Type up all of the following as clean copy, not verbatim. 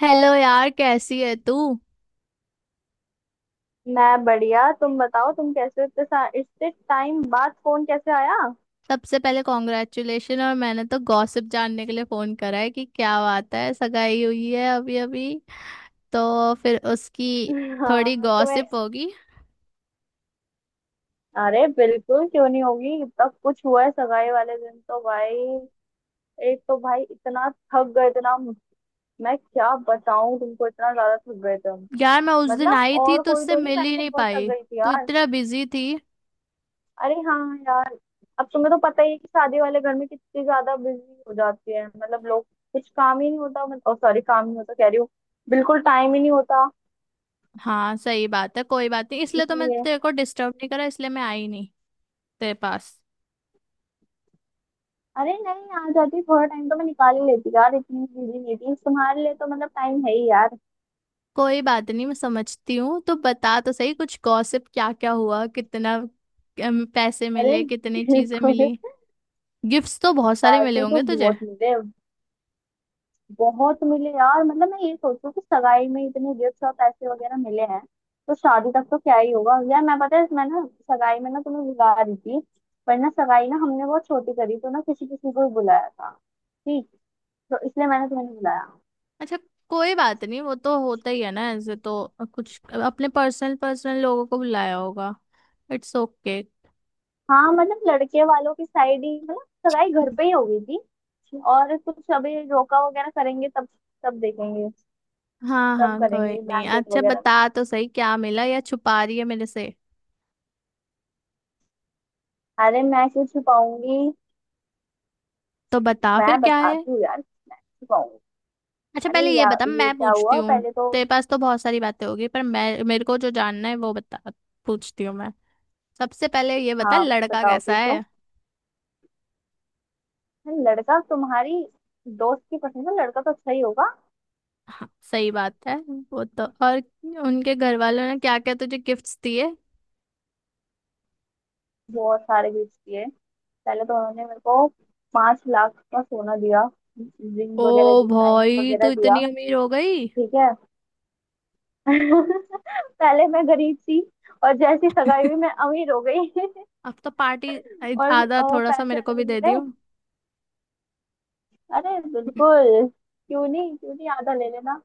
Hello यार, कैसी है तू। मैं बढ़िया। तुम बताओ, तुम कैसे हो? इतने इतने टाइम बाद फोन कैसे आया? सबसे पहले कॉन्ग्रेचुलेशन। और मैंने तो गॉसिप जानने के लिए फोन करा है कि क्या बात है, सगाई हुई है अभी अभी, तो फिर उसकी थोड़ी हाँ, तुम्हें। गॉसिप होगी। अरे बिल्कुल, क्यों नहीं होगी। तब कुछ हुआ है सगाई वाले दिन तो भाई। एक तो भाई इतना थक गए थे ना। मैं क्या बताऊं तुमको, इतना ज्यादा थक गए थे हम। यार मैं उस दिन मतलब आई थी और तो कोई उससे तो नहीं, मिल मैं ही तो नहीं बहुत थक पाई। गई थी तू यार। इतना बिजी थी। अरे हाँ यार। अब तुम्हें तो पता ही है कि शादी वाले घर में कितनी ज्यादा बिजी हो जाती है, मतलब लोग। कुछ काम ही नहीं होता, मतलब सॉरी काम नहीं होता कह रही हूँ। बिल्कुल टाइम ही नहीं होता। हाँ सही बात है, कोई बात नहीं, इसलिए तो मैं इसलिए। तेरे को डिस्टर्ब नहीं करा, इसलिए मैं आई नहीं तेरे पास। अरे नहीं, आ जाती, थोड़ा टाइम तो मैं निकाल ही लेती यार। इतनी बिजी नहीं थी तुम्हारे लिए तो, मतलब टाइम है ही यार। कोई बात नहीं, मैं समझती हूँ। तो बता तो सही, कुछ गॉसिप, क्या क्या हुआ, कितना पैसे अरे मिले, कितनी चीजें बिल्कुल। मिली। गिफ्ट्स तो बहुत सारे मिले पैसे तो होंगे तुझे। बहुत मिले। बहुत मिले यार। मतलब मैं ये सोचू कि सगाई में इतने गिफ्ट और पैसे वगैरह मिले हैं, तो शादी तक तो क्या ही होगा यार। मैं, पता है मैं ना सगाई में ना तुम्हें बुला रही थी, पर ना सगाई ना हमने बहुत छोटी करी, तो ना किसी किसी को ही बुलाया था ठीक, तो इसलिए मैंने तुम्हें नहीं बुलाया। अच्छा, कोई बात नहीं, वो तो होता ही है ना, ऐसे तो कुछ अपने पर्सनल पर्सनल लोगों को बुलाया होगा। It's okay. हाँ मतलब लड़के वालों की साइड ही मतलब। सगाई घर पे ही हो गई थी, और कुछ अभी रोका वगैरह करेंगे तब तब देखेंगे। हाँ तब हाँ, कोई करेंगे नहीं। बैंकेट अच्छा वगैरह बता में। तो सही, क्या मिला, या छुपा रही है मेरे से। अरे मैं क्यों छुपाऊंगी। तो बता फिर मैं क्या है। बताती हूँ यार। मैं छुपाऊंगी। अच्छा अरे पहले ये यार बता, ये मैं क्या पूछती हुआ हूँ। पहले तो। तेरे पास तो बहुत सारी बातें होगी, पर मैं, मेरे को जो जानना है वो बता, पूछती हूँ मैं। सबसे पहले ये बता, हाँ लड़का बताओ, कैसा पूछो। है। अरे लड़का तुम्हारी दोस्त की पसंद है, लड़का तो अच्छा ही होगा। हाँ सही बात है, वो तो। और उनके घर वालों ने क्या क्या तुझे गिफ्ट्स दिए। बहुत सारे गिफ्ट दिए। पहले तो उन्होंने मेरे को 5 लाख का सोना दिया। रिंग ओ वगैरह दी, डायमंड भाई, वगैरह तू दिया। इतनी अमीर हो गई। ठीक है। पहले मैं गरीब थी, और जैसी सगाई हुई मैं अमीर हो गई। अब तो पार्टी। और आधा थोड़ा सा पैसे मेरे को भी अलग दे मिले। दियो। अरे बिल्कुल, क्यों नहीं क्यों नहीं, आधा ले लेना।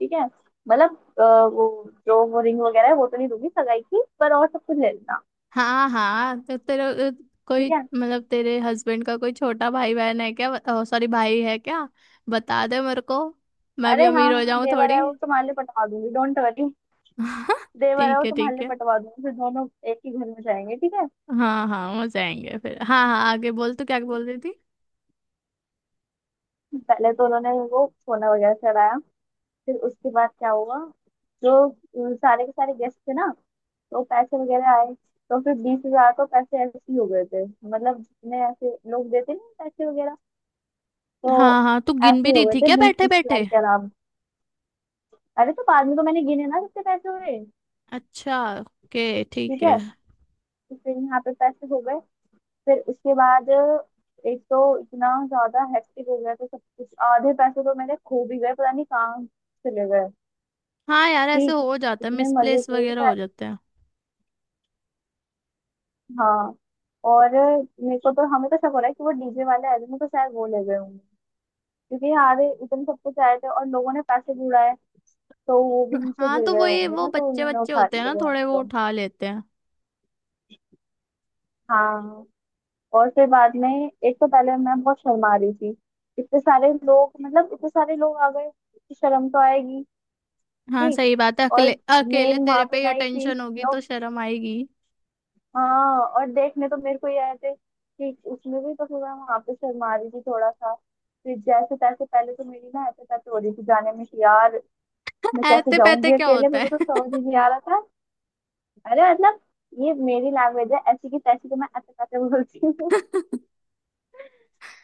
ठीक है। मतलब वो जो वो रिंग वगैरह है वो तो नहीं दूंगी सगाई की, पर और सब कुछ ले लेना। हाँ हाँ, तो तेरे कोई, ठीक है। मतलब तेरे हस्बैंड का कोई छोटा भाई बहन है क्या, सॉरी भाई है क्या। बता दे मेरे को, मैं भी अरे अमीर हाँ हो हाँ, जाऊं देवर थोड़ी। है वो, तुम्हारे लिए पटवा दूंगी, डोंट वरी। देवर है ठीक वो है तुम्हारे ठीक लिए है। पटवा दूंगी, फिर दोनों एक ही घर में जाएंगे, ठीक है। हाँ हाँ हो जाएंगे फिर। हाँ हाँ, आगे बोल, तू क्या बोल रही थी। पहले तो उन्होंने वो सोना वगैरह चढ़ाया। फिर उसके बाद क्या हुआ, जो सारे के सारे गेस्ट थे ना, तो पैसे वगैरह आए, तो फिर 20 हजार तो पैसे ऐसे ही हो गए थे, मतलब जितने ऐसे लोग देते नहीं पैसे वगैरह, तो हाँ हाँ, तू गिन ऐसे भी ही हो रही गए थी थे क्या बीस बैठे तीस बैठे। हजार के आराम। अरे तो बाद में तो मैंने गिने ना कितने पैसे हुए। अच्छा ओके, ठीक ठीक है। है। तो फिर यहाँ पे पैसे हो गए। फिर उसके बाद एक तो इतना ज्यादा हेक्टिक हो गया था सब कुछ, आधे पैसे तो मेरे खो भी गए, पता नहीं कहाँ चले गए, हाँ यार, ऐसे ठीक। हो जाता है, इतने मजे मिसप्लेस किए वगैरह हो जाते हैं। हाँ। और मेरे को तो, हमें तो शक हो रहा है कि वो डीजे वाले आए थे, मेरे को शायद वो ले गए होंगे, क्योंकि यहाँ आधे इतने सब कुछ आए थे और लोगों ने पैसे भी उड़ाए, तो वो भी नीचे हाँ गिर तो गए वो, ये होंगे वो ना, तो बच्चे उन्होंने बच्चे उठा होते हैं लिए ना वो हमें थोड़े, वो तो। उठा लेते हैं। हाँ। और फिर बाद में एक तो पहले मैं बहुत शर्मा रही थी, इतने सारे लोग, मतलब इतने सारे लोग आ गए कि शर्म तो आएगी। हाँ ठीक। सही बात है, और अकेले, अकेले मेन तेरे वहां पे पर ही नहीं थी अटेंशन होगी तो लोग। शर्म आएगी। हाँ, और देखने तो मेरे को ही आए थे ठीक, उसमें भी तो फिर मैं वहां पे शर्मा रही थी थोड़ा सा। फिर जैसे तैसे, पहले तो मेरी ना ऐसे तैसे हो रही थी जाने में कि यार मैं कैसे ऐते पैते जाऊंगी क्या अकेले, होता मुझे तो है। समझ ही नहीं आ रहा था। अरे मतलब, ये मेरी लैंग्वेज है ऐसी की तैसी को, मैं ऐसे कैसे बोलती हूँ।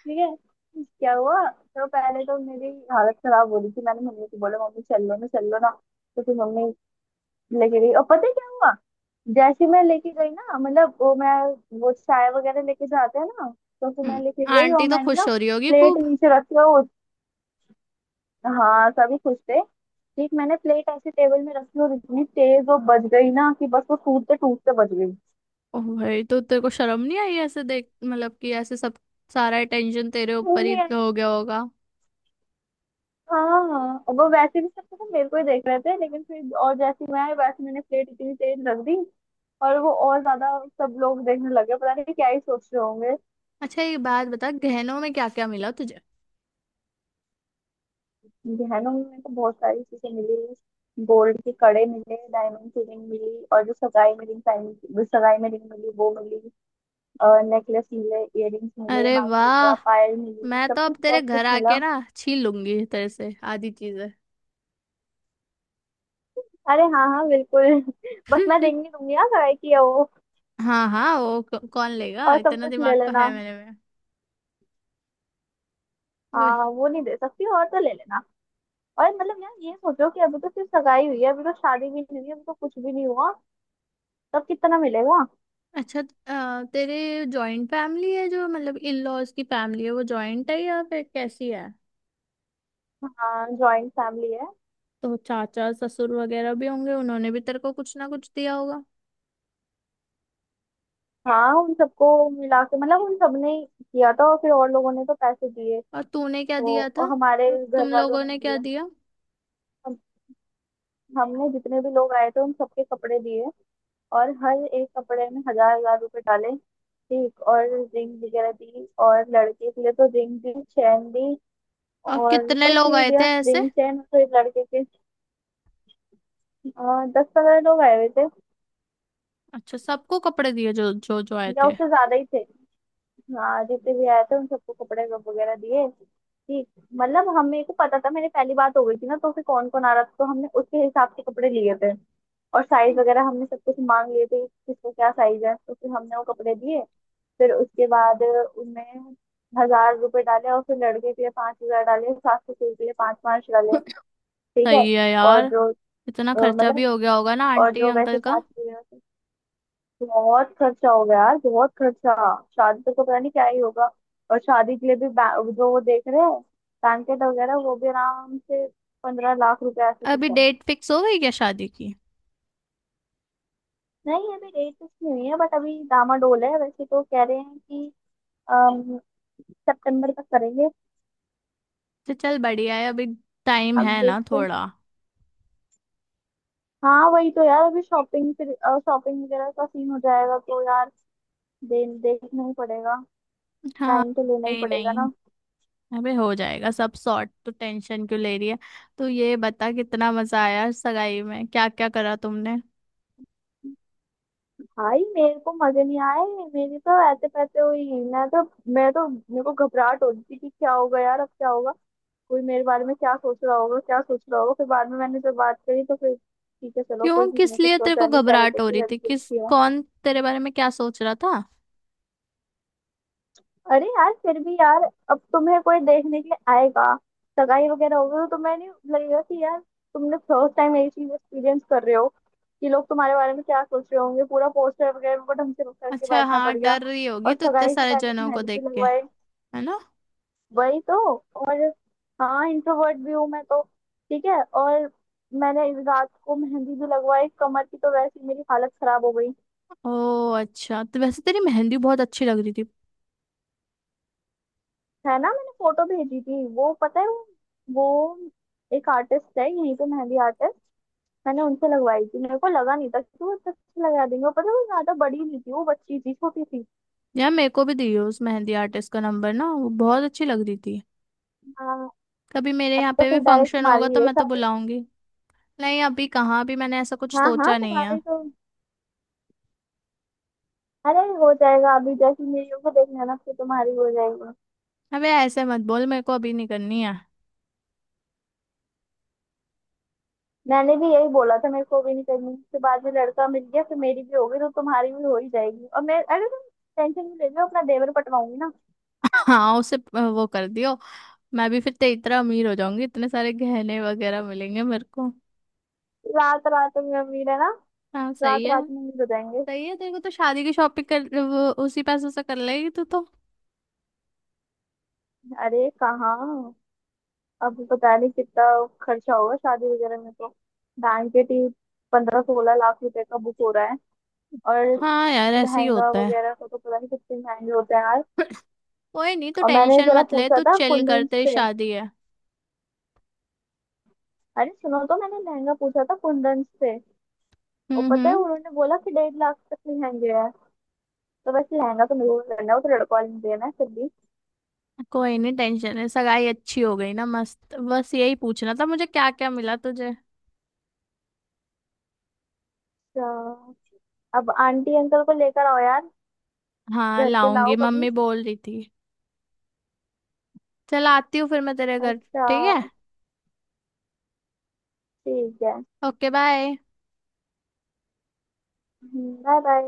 ठीक है। क्या हुआ, तो पहले तो मेरी हालत खराब हो रही थी, मैंने मम्मी को बोला, मम्मी चल लो ना चल लो ना, तो फिर मम्मी लेके गई, और पता है क्या हुआ, जैसे ही मैं लेके गई ना, मतलब वो मैं वो चाय वगैरह लेके जाते हैं ना, तो फिर मैं हम्म, लेके गई और आंटी तो मैंने ना खुश हो रही होगी प्लेट खूब। नीचे रखी, और हाँ सभी खुश थे, एक मैंने प्लेट ऐसी टेबल में रखी और इतनी तेज वो बज गई ना कि बस वो टूटते टूटते बज गई। ओ भाई, तो तेरे को शर्म नहीं आई ऐसे, देख मतलब कि ऐसे सब, सारा अटेंशन तेरे मुंह ऊपर ही नहीं आई। तो हो गया होगा। हाँ और वो वैसे भी सब तो मेरे को ही देख रहे थे, लेकिन फिर और जैसे ही मैं आई वैसे मैंने प्लेट इतनी तेज रख दी, और वो और ज्यादा सब लोग देखने लगे, पता नहीं क्या ही सोच रहे होंगे। अच्छा ये बात बता, गहनों में क्या क्या मिला तुझे। गहनों में मेरे को बहुत सारी चीजें मिली, गोल्ड के कड़े मिले, डायमंड की रिंग मिली, और जो सगाई में रिंग पहनी सगाई में रिंग मिली वो मिली, नेकलेस मिले, इयररिंग्स मिले, अरे मांगटीका वाह। पायल मिली, मैं तो सब अब कुछ तेरे बहुत कुछ घर आके मिला। ना छीन लूंगी तेरे से आधी चीजें। अरे हाँ हाँ, बिल्कुल। बस मैं देंगी दूंगी ना, कराई की है वो, हाँ हाँ, वो कौन लेगा, और सब इतना कुछ ले दिमाग तो लेना। है मेरे में। वही। हाँ वो नहीं दे सकती, और तो ले लेना। और मतलब यार ये सोचो कि अभी तो सिर्फ सगाई हुई है, अभी तो शादी भी नहीं हुई है, अभी तो कुछ भी नहीं हुआ, तब कितना मिलेगा। अच्छा, तेरे जॉइंट फैमिली है जो, मतलब इन लॉज की फैमिली है वो जॉइंट है, या फिर कैसी है। हाँ जॉइंट फैमिली है। तो चाचा ससुर वगैरह भी होंगे, उन्होंने भी तेरे को कुछ ना कुछ दिया होगा। हाँ उन सबको मिला के, मतलब उन सबने ही किया था, और फिर और लोगों ने तो पैसे दिए। और तूने क्या तो दिया और था। हमारे और घर तुम वालों लोगों ने ने क्या दिए। दिया। हम हमने जितने भी लोग आए थे उन सबके कपड़े दिए, और हर एक कपड़े में हजार हजार रुपए डाले ठीक, और रिंग वगैरह दी, और लड़के के लिए तो रिंग दी चैन दी। और और कितने बस लोग ये आए थे दिया ऐसे। रिंग चैन, तो एक लड़के के 10-15 लोग आए हुए थे, अच्छा, सबको कपड़े दिए जो जो जो आए या थे। उससे ज्यादा ही थे, हाँ जितने भी आए थे उन सबको कपड़े वगैरह दिए ठीक, मतलब हमें को पता था, मेरी पहली बात हो गई थी ना, तो फिर कौन कौन आ रहा था तो हमने उसके हिसाब से कपड़े लिए थे, और साइज वगैरह हमने सब कुछ मांग लिए थे कि किसको क्या साइज है, तो फिर हमने वो कपड़े दिए। फिर उसके बाद उनमें 1,000 रुपए डाले, और फिर लड़के के लिए 5 हजार डाले, सास ससुर के लिए पांच पांच डाले, ठीक है। सही है और यार। जो इतना खर्चा भी मतलब हो गया होगा ना और आंटी जो अंकल वैसे का। सास ससुर, बहुत खर्चा हो गया यार, बहुत खर्चा, शादी तक तो पता नहीं क्या ही होगा। और शादी के लिए भी जो वो देख रहे हैं बैंकेट वगैरह, वो भी आराम से 15 लाख रुपए ऐसे कुछ अभी है। डेट फिक्स हो गई क्या शादी की। नहीं अभी डेट फिक्स नहीं हुई है, बट अभी डामाडोल है, वैसे तो कह रहे हैं कि अम, सितंबर तक करेंगे। तो चल बढ़िया है, अभी टाइम अब है ना देखते थोड़ा। हैं। हाँ वही तो यार, अभी शॉपिंग फिर शॉपिंग वगैरह का सीन हो जाएगा तो यार, देखना ही पड़ेगा। हाँ। टाइम तो लेना ही नहीं पड़ेगा नहीं, ना। अबे हो जाएगा सब सॉर्ट, तो टेंशन क्यों ले रही है। तो ये बता, कितना मजा आया सगाई में, क्या क्या करा तुमने। भाई मेरे को मजे नहीं आए, मेरी तो ऐसे पैसे हुई, मैं तो मेरे को घबराहट हो रही थी कि क्या होगा यार, अब क्या होगा, कोई मेरे बारे में क्या सोच रहा होगा क्या सोच रहा होगा, फिर बाद में मैंने जब बात करी तो फिर ठीक है चलो, कोई क्यों, किसी किस ने कुछ लिए तेरे को सोचा नहीं, कह रहे घबराहट थे हो कि रही थी, लड़की किस, अच्छी है। कौन तेरे बारे में क्या सोच रहा था। अरे यार फिर भी यार, अब तुम्हें कोई देखने के लिए आएगा, सगाई वगैरह होगी तो तुम्हें नहीं लगेगा कि यार, तुमने फर्स्ट टाइम यही चीज एक्सपीरियंस कर रहे हो, कि लोग तुम्हारे बारे में क्या सोच रहे होंगे, पूरा पोस्टर वगैरह उनको ढंग से करके अच्छा बैठना हाँ, पड़ गया। डर रही होगी और तो, इतने सगाई से सारे पहले जनों को मेहंदी भी देख के, लगवाए। है ना। वही तो। और हाँ इंट्रोवर्ट भी हूँ मैं तो, ठीक है, और मैंने इस रात को मेहंदी भी लगवाई कमर की, तो वैसे ही मेरी हालत खराब हो गई। ओ अच्छा, तो वैसे तेरी मेहंदी बहुत अच्छी लग रही थी। है ना, मैंने फोटो भेजी थी वो, पता है वो एक आर्टिस्ट है यहीं पे मेहंदी आर्टिस्ट, मैंने उनसे लगवाई थी, मेरे को लगा नहीं था कि वो इतना अच्छा लगा देंगे, और पता है वो ज्यादा बड़ी नहीं थी, वो बच्ची थी छोटी सी। यार मेरे को भी दी हो उस मेहंदी आर्टिस्ट का नंबर ना, वो बहुत अच्छी लग रही थी। हाँ कभी मेरे अब यहाँ तो पे फिर भी डायरेक्ट फंक्शन तुम्हारी होगा ही तो है मैं तो शादी। बुलाऊंगी। नहीं, अभी कहाँ, भी मैंने ऐसा कुछ हाँ हाँ सोचा नहीं है। तुम्हारी तो, अरे हो जाएगा, अभी जैसे मेरी को देख लेना फिर तुम्हारी हो जाएगी। अबे ऐसे मत बोल, मेरे को अभी नहीं करनी है। मैंने भी यही बोला था मेरे को भी नहीं करनी, फिर बाद में लड़का मिल गया, फिर मेरी भी होगी तो तुम्हारी भी हो ही जाएगी, और मैं अरे तुम टेंशन नहीं ले लो, अपना देवर पटवाऊंगी ना। हाँ उसे, वो कर दियो, मैं भी फिर ते इतना अमीर हो जाऊंगी, इतने सारे गहने वगैरह मिलेंगे मेरे को। रात रात में मेरा ना, हाँ सही रात है। रात में नहीं बताएंगे। सही है, तेरे को तो शादी की शॉपिंग, कर वो उसी पैसों से कर लेगी तू तो। अरे कहाँ, अब पता नहीं कितना खर्चा होगा शादी वगैरह में तो, बैंकेट ही 15-16 लाख रुपए का बुक हो रहा है। और हाँ यार, ऐसे ही लहंगा होता है। वगैरह का तो पता नहीं कितने महंगे होते हैं यार। कोई नहीं, तू और मैंने टेंशन जरा मत ले, पूछा तू था चिल कर, कुंदन तेरी से, शादी है। अरे सुनो तो मैंने लहंगा पूछा था कुंदन से, और पता है हम्म। उन्होंने बोला कि 1.5 लाख तक के लहंगे हैं, तो वैसे लहंगा तो मेरे को करना है, वो तो लड़कों वाले ने देना है, फिर भी। कोई नहीं, टेंशन है सगाई अच्छी हो गई ना, मस्त, बस यही पूछना था मुझे क्या क्या मिला तुझे। तो अब आंटी अंकल को लेकर आओ यार, हाँ घर पे लाओ लाऊंगी, कभी। मम्मी बोल रही थी। चल आती हूँ फिर मैं तेरे घर। अच्छा ठीक है। ठीक है। Okay bye. Bye bye.